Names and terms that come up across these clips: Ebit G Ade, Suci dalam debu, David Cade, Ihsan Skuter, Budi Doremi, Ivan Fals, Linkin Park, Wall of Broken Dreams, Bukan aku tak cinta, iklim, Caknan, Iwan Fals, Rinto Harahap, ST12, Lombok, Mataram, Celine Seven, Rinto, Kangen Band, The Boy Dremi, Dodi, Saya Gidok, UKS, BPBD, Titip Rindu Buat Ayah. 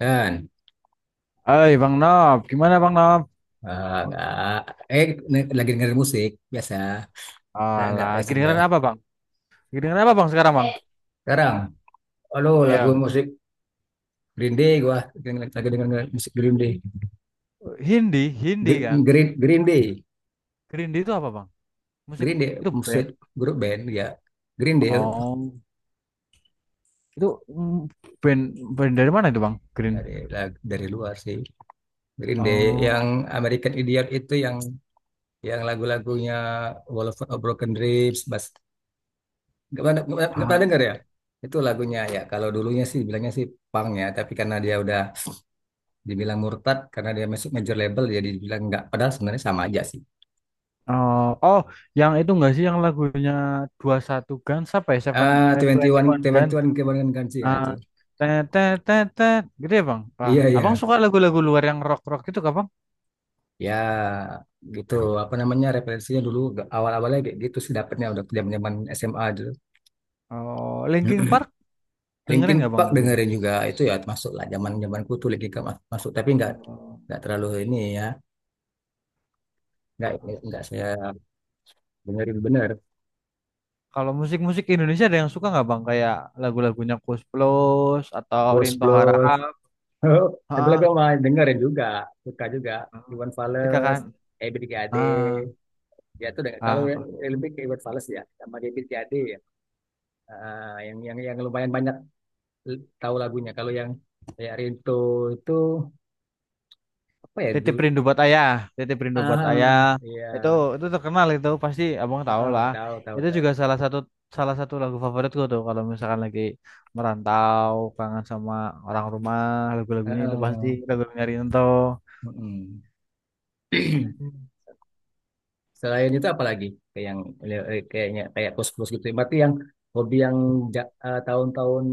Kan? Hai Bang Nob, gimana Bang Nob? Ah, nggak. Eh, lagi dengerin musik biasa. Nggak, Alah, single. kedengeran apa Bang? Kedengeran apa Bang sekarang Bang? Sekarang, halo lagu Ya. musik Green Day gua. Lagi denger musik Green Day. Hindi, Hindi Gr- kan? Green Green Day, Hindi itu apa Bang? Musik Green Day itu musik band. grup band ya. Green Day Oh, itu band band dari mana itu Bang? Green. Dari luar sih. Green Day yang Oh, American Idiot itu yang lagu-lagunya Wall of Broken Dreams, Bas. Nggak pernah nggak pernah nggak pernah ah, denger ya? Itu lagunya ya. Kalau dulunya sih bilangnya sih punk ya, tapi karena dia udah dibilang murtad karena dia masuk major label jadi dibilang enggak padahal sebenarnya sama aja sih. oh, oh, yang itu enggak sih yang lagunya 21 Guns apa ya? Seven, eh, twenty 21 One Gun. 21 kebanyakan ganti ya Ah, itu. Tet tet tet tet, gitu ya Bang. Iya, iya, Abang suka lagu-lagu luar yang rock-rock itu gak Bang? ya gitu. Apa namanya, referensinya dulu awal-awalnya kayak gitu sih dapetnya udah zaman-zaman SMA dulu. Oh, Linkin Park Linkin dengerin gak Bang Park dulu? Bang? dengerin juga itu ya, masuk lah zaman zamanku tuh Linkin Park masuk, tapi nggak Oh. nggak terlalu ini ya. nggak nggak saya dengerin bener. Kalau musik-musik Indonesia ada yang suka nggak bang? Kayak lagu-lagunya Koes Plus atau Ghost Rinto Plus. Harahap. Ah, Lagu-lagu mah dengerin juga, suka juga. ah. Iwan Suka Fals, kan? Ebit G Ade. Ah, Ya itu deh. Kalau ah, kok. lebih ke Iwan Fals ya sama David Cade ya. Ah, yang lumayan banyak tahu lagunya. Kalau yang kayak Rinto itu apa ya? Titip Rindu Buat Ayah, Titip Rindu Buat Ayah. Iya. Itu itu terkenal, itu pasti abang Ah, tahu ah, lah. tahu, tahu, Itu tahu. juga salah satu lagu favoritku tuh kalau misalkan lagi merantau, kangen sama orang rumah, Ah, lagu-lagunya itu pasti ah, lagu-lagunya Rinto. mm-mm. Selain itu apa lagi? Kayak yang kayaknya kayak kos-kos gitu. Berarti yang hobi yang tahun-tahun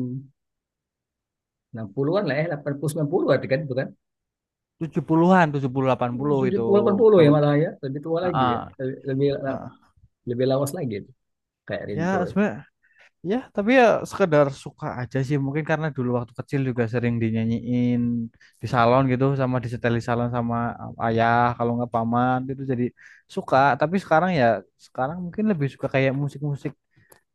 60-an lah ya, 80 90 berarti kan itu kan. 70-an, 70 Hmm, 80 tujuh itu puluh delapan puluh ya lagu. malah ya, lebih tua Ah, lagi ah, ya. Lebih lebih, ah. lebih lawas lagi itu kayak Ya, Rinto. sebenarnya. Ya, tapi ya sekedar suka aja sih. Mungkin karena dulu waktu kecil juga sering dinyanyiin di salon gitu sama di setel di salon sama ayah kalau nggak paman gitu jadi suka. Tapi sekarang ya sekarang mungkin lebih suka kayak musik-musik,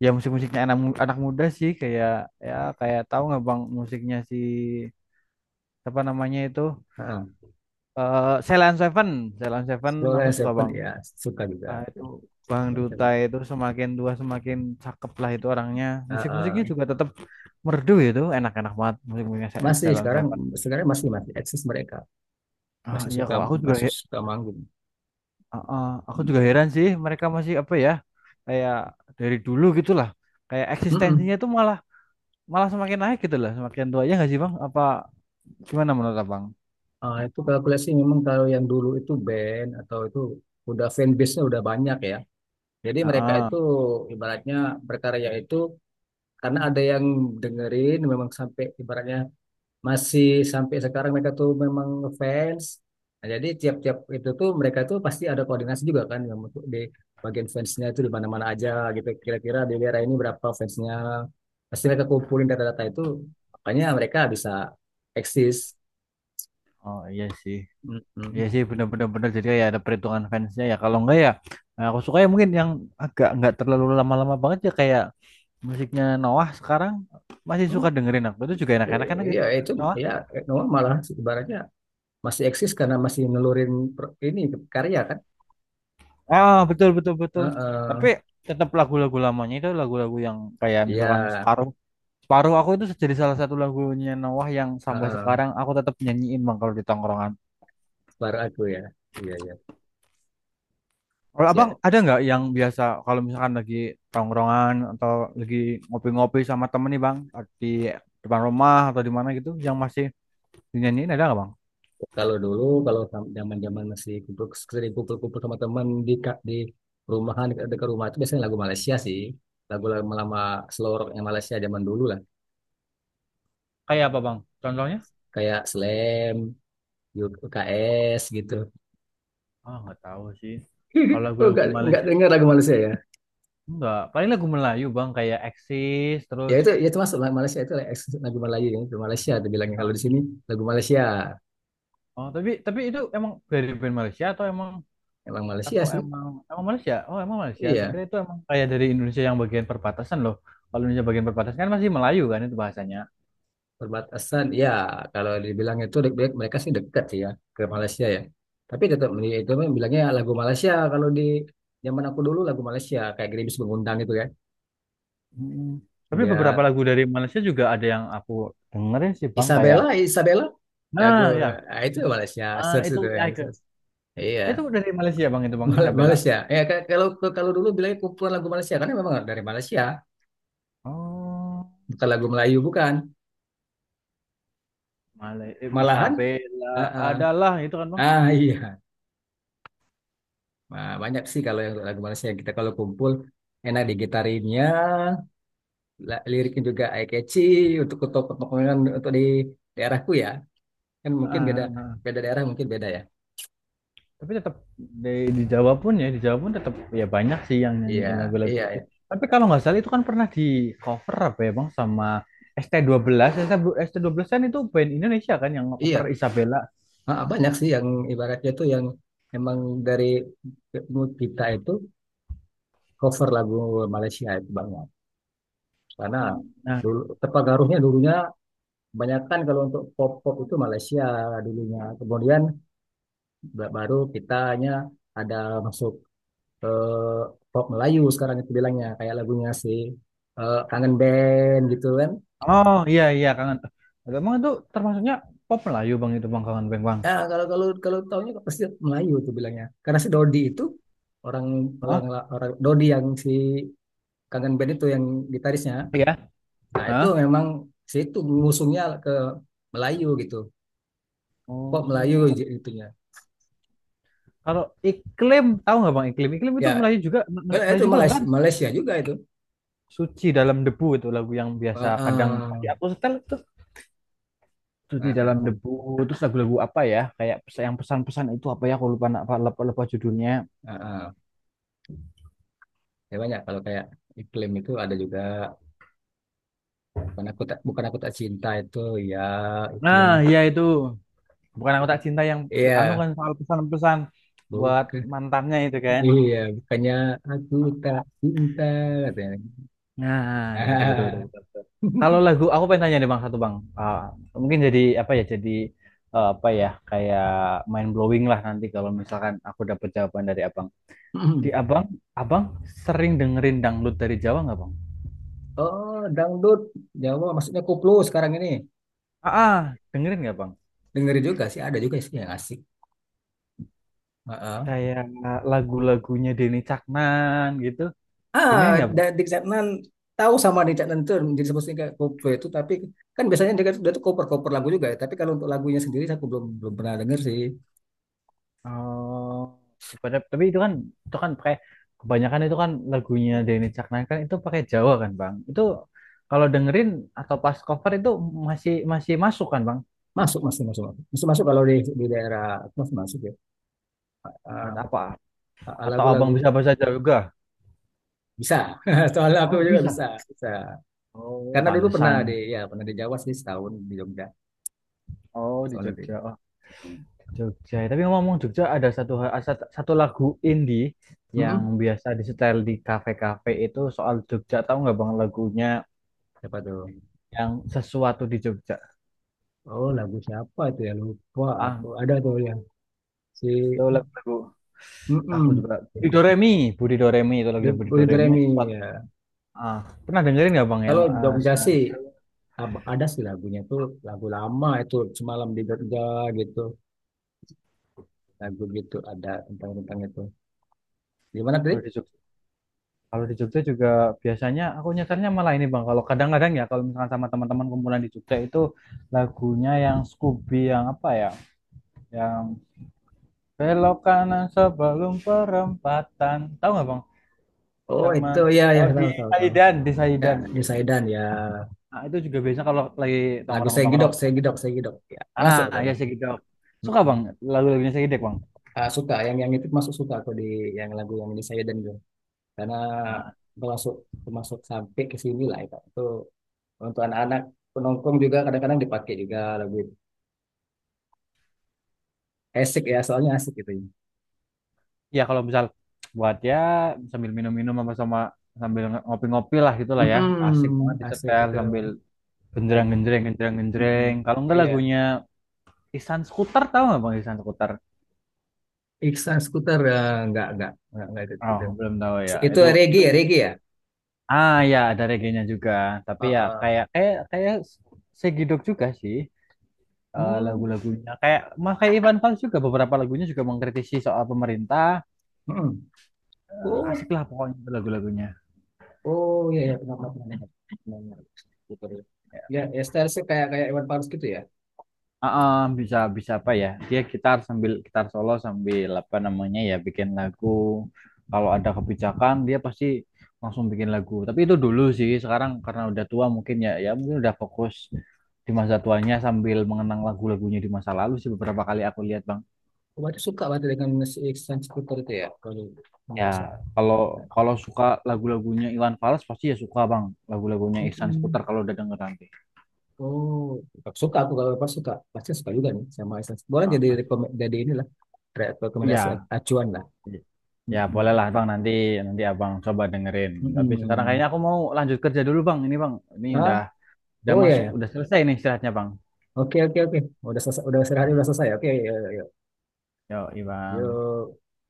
ya musik-musiknya anak muda sih, kayak ya kayak, tahu nggak Bang musiknya si apa namanya itu, Ya. Celine Seven, Celine Seven Scroll aku and suka Seven Bang. ya, suka juga. Ah, itu Bang Scroll Duta Seven. itu semakin tua semakin cakep lah itu orangnya. Ah, Musik-musiknya ah. juga tetap merdu itu, enak-enak banget musik-musiknya Masih Ceylon sekarang, Seven. sekarang masih masih eksis mereka. Ah, Masih iya kok, suka, aku juga masih he- suka manggung. Aku Hmm. juga heran sih mereka masih apa ya, kayak dari dulu gitulah. Kayak eksistensinya Mm-mm. itu malah malah semakin naik gitu lah, semakin tua ya nggak sih Bang? Apa gimana menurut Abang? Ah, itu kalkulasi memang kalau yang dulu itu band atau itu udah fanbase-nya udah banyak ya. Jadi mereka Ah, itu ah. ibaratnya berkarya itu karena ada yang dengerin memang sampai ibaratnya masih sampai sekarang mereka tuh memang fans. Nah, jadi tiap-tiap itu tuh mereka tuh pasti ada koordinasi juga kan yang untuk di bagian fansnya itu di mana-mana aja gitu. Kira-kira di daerah ini berapa fansnya. Pasti mereka kumpulin data-data itu. Makanya mereka bisa eksis. Oh iya Mm-mm. sih bener-bener bener. Jadi ya ada perhitungan fansnya ya. Kalau enggak ya, nah, aku suka ya mungkin yang agak nggak terlalu lama-lama banget ya kayak musiknya Noah sekarang, masih Hmm, suka dengerin aku itu, juga enak-enakan iya gitu. itu Noah. ya. Noah malah ibaratnya masih eksis karena masih nelurin ini karya kan. Ah, betul betul betul. Tapi Heeh. tetap lagu-lagu lamanya, itu lagu-lagu yang kayak Iya, misalkan separuh separuh aku itu, jadi salah satu lagunya Noah yang sampai heeh. sekarang aku tetap nyanyiin bang kalau di tongkrongan. Baru aku ya. Iya, iya. Kalau abang Siap. ada nggak yang biasa kalau misalkan lagi tongkrongan atau lagi ngopi-ngopi sama temen nih bang, di depan rumah atau di mana gitu yang masih dinyanyiin, ada nggak bang? Kalau dulu, kalau zaman-zaman masih kumpul, sering kumpul-kumpul sama teman di di rumahan dekat, dekat rumah itu biasanya lagu Malaysia sih, lagu lama lama slow rock yang Malaysia zaman dulu lah, Kayak apa bang? Contohnya? kayak Slam, UKS gitu. Ah, nggak tahu sih. Kalau Oh, lagu-lagu nggak Malaysia dengar lagu Malaysia ya? enggak, paling lagu Melayu bang kayak Eksis Ya terus. itu, ya itu masuk lagu Malaysia itu, lagu Melayu ya, itu Malaysia. Itu bilangnya kalau Oh, di sini lagu Malaysia, oh, tapi itu emang dari band Malaysia emang Malaysia atau sih. emang emang Malaysia? Oh, emang Malaysia. Tak Iya. itu emang kayak dari Indonesia yang bagian perbatasan loh. Kalau Indonesia bagian perbatasan kan masih Melayu kan itu bahasanya. Perbatasan, ya kalau dibilang itu dek mereka sih dekat sih ya ke Malaysia ya. Tapi tetap itu memang bilangnya lagu Malaysia. Kalau di zaman aku dulu lagu Malaysia kayak Gerimis Mengundang itu kan. Mm. Tapi beberapa Ya. lagu dari Malaysia juga ada yang aku dengerin sih bang, kayak Isabella, Isabella. Lagu nah ya, ah, itu Malaysia search itu itu ya. Bisa. Icon. Itu Iya, dari Malaysia bang itu bang Mal- Isabella. Malaysia. Kalau kalau dulu bilangnya kumpulan lagu Malaysia karena memang dari Malaysia, Oh, bukan lagu Melayu bukan. Malahan Isabella ah ah. adalah itu kan bang. Ah, iya. Nah, banyak sih kalau yang lagu Malaysia yang kita kalau kumpul enak digitarinnya, liriknya juga eye catchy untuk pengumuman untuk di daerahku ya, kan Ah, mungkin beda, ah, ah. beda daerah mungkin beda ya. Tapi tetap di, di, Jawa pun ya, di Jawa pun tetap ya banyak sih yang Iya, nyanyiin lagu-lagu iya, itu. iya, Tapi kalau nggak salah itu kan pernah di cover apa ya Bang sama ST12. St belas S T dua belas kan itu band Indonesia kan yang iya. cover Isabella. Ah, ah, banyak sih yang ibaratnya tuh yang emang dari mood kita itu cover lagu Malaysia itu banyak karena Eh, Nah, dulu terpengaruhnya dulunya kebanyakan kalau untuk pop, pop itu Malaysia dulunya. Kemudian baru kitanya ada masuk, eh, pop Melayu sekarang itu bilangnya kayak lagunya si, eh, Kangen Band gitu kan. oh, iya, iya, kangen. Emang itu termasuknya pop Melayu Bang itu Bang kangen Bang Bang. Ya kalau kalau kalau taunya kok pasti Melayu tuh bilangnya karena si Dodi itu orang, orang, Hah? orang Dodi yang si Kangen Band itu yang gitarisnya. Iya. Nah itu Hah? memang si itu ngusungnya ke Melayu gitu, pop Melayu Oh. Itunya. Kalau iklim tahu nggak Bang iklim? Iklim Ya. itu Melayu juga Nah, Melayu itu juga Malaysia, kan? Malaysia juga itu. Suci dalam debu itu lagu yang biasa Ah, kadang masih ah, aku setel, cuci ah, dalam ah, debu, terus lagu-lagu apa ya kayak yang pesan-pesan itu apa ya aku lupa, apa lupa judulnya, ah, ah. Ya, banyak kalau kayak iklim itu ada juga. Bukan aku tak cinta itu, ya, nah, iklim. ya itu bukan aku tak cinta yang anu Iya, kan soal pesan-pesan buat bukan. mantannya itu kan. Iya, bukannya aku tak cinta katanya. Nah, ya betul betul betul, betul, betul. Kalau lagu aku pengen tanya nih bang, satu bang. Mungkin jadi apa ya, jadi apa ya, kayak mind blowing lah nanti kalau misalkan aku dapat jawaban dari abang, di abang abang sering dengerin dangdut dari Jawa nggak bang? Oh, dangdut Jawa maksudnya koplo sekarang ini. Ah, ah, dengerin nggak bang? Dengerin juga sih, ada juga sih yang asik. Heeh. Kayak lagu-lagunya Denny Caknan gitu. Ah, Dengerin nggak, Bang? Di Caknan tahu, sama di Caknan tuh jadi sebutnya kayak koplo itu, tapi kan biasanya dia, dia tuh cover-cover lagu juga ya. Tapi kalau untuk lagunya sendiri aku belum belum pernah denger sih. Oh, tapi itu kan pakai kebanyakan, itu kan lagunya Denny Caknan kan itu pakai Jawa kan, Bang. Itu kalau dengerin atau pas cover itu masih masih masuk kan, Bang? Masuk, masih masuk, masuk, masuk, masuk kalau di daerah aku masih masuk ya. Bahasa Ah, Apa? Atau Abang lagu-lagu bisa bahasa Jawa juga? bisa. Soalnya aku Oh, juga bisa. bisa, bisa Oh, karena dulu pernah pantesan. di, ya pernah di Jawa sih setahun di Jogja Oh, di soalnya di. Jogja. Oh, Jogja. Tapi ngomong Jogja, ada satu lagu indie yang Mm-mm. biasa disetel di kafe-kafe itu soal Jogja. Tahu nggak Bang lagunya Siapa tuh? yang sesuatu di Jogja? Oh, lagu siapa itu ya? Lupa Ah, aku. Ada tuh yang si. itu lagu. Aku juga Mm-mm. Budi Doremi itu The lagunya Budi Boy Doremi Dremi sesuatu. ya. Ah, pernah dengerin nggak Bang yang, Kalau Jogja sih sesuatu ada sih lagunya tuh lagu lama itu, semalam di Jogja gitu, lagu gitu ada tentang tentang itu di mana tadi. di Jogja? Kalau di Jogja juga biasanya aku nyetelnya malah ini Bang. Kalau kadang-kadang ya kalau misalkan sama teman-teman kumpulan di Jogja itu, lagunya yang Scooby yang apa ya? Yang belok kanan sebelum perempatan. Tahu nggak bang? Oh itu Sama, ya, ya oh, di tahu, tahu, tahu. Saidan, di Ya Saidan. di Saidan ya. Nah, itu juga biasanya kalau lagi Lagu Saya tongkrong-tongkrong. Gidok, Saya Gidok, Saya Gidok. Ya, masuk tuh. Ah, ya Tuh. Segidok. Suka Mm-mm. bang lagu-lagunya Segidok bang. Ah, suka yang itu masuk suka aku di yang lagu yang ini saya dan gue karena Ah, termasuk, termasuk sampai ke sini lah itu. Itu untuk anak-anak penongkrong juga kadang-kadang dipakai juga lagu itu. Asik ya, soalnya asik gitu. ya kalau misal buat ya sambil minum-minum sama sama sambil ngopi-ngopi lah gitulah ya. Asik banget Mm-mm. Asik disetel itu sambil lagu. genjreng-genjreng, genjreng-genjreng. Mm-mm. Kalau enggak Iya. lagunya Ihsan Skuter, tahu nggak bang Ihsan Skuter? Iksan Skuter, eh, nggak itu. Oh, Itu. belum tahu ya. Itu Itu reggae itu ya, reggae ya. ah, ya, ada reggae-nya juga, Uh, tapi ya uh. kayak kayak kayak segidok juga sih, Hmm. lagu-lagunya. Kayak mas kayak Ivan Fals juga beberapa lagunya juga mengkritisi soal pemerintah. Oh, Asik lah pokoknya itu lagu-lagunya. oh iya ya, pernah, pernah, pernah dengar. Pernah Skuter itu. Ya, ya style sih kayak kayak Iwan Fals gitu ya. Ah, ah, bisa bisa apa ya? Dia gitar sambil gitar solo sambil apa namanya ya bikin lagu. Kalau ada kebijakan dia pasti langsung bikin lagu. Tapi itu dulu sih. Sekarang karena udah tua mungkin ya mungkin udah fokus di masa tuanya sambil mengenang lagu-lagunya di masa lalu sih, beberapa kali aku lihat bang. Oh, berarti suka berarti dengan si Iksan Skuter itu ya kalau Ya, biasa. kalau kalau suka lagu-lagunya Iwan Fals pasti ya suka Bang, lagu-lagunya Ihsan Mm-mm. Seputar kalau udah denger nanti. Oh, suka aku kalau Iwan suka, pasti suka juga nih sama Iksan. Boleh Ah, jadi pasti. rekom, jadi inilah rekomendasi Iya, acuan lah. ya Mm-mm. bolehlah Bang, nanti nanti Abang coba dengerin. Tapi sekarang kayaknya Mm-mm. aku mau lanjut kerja dulu Bang. Ini Bang, ini udah Ah, udah oh ya, masuk, ya. udah selesai nih istirahatnya Bang. Oke, oke, oke. Udah selesai, udah selesai, udah Ya, selesai. Oke, ya, ya, ya. yuk, Bang. Yuk.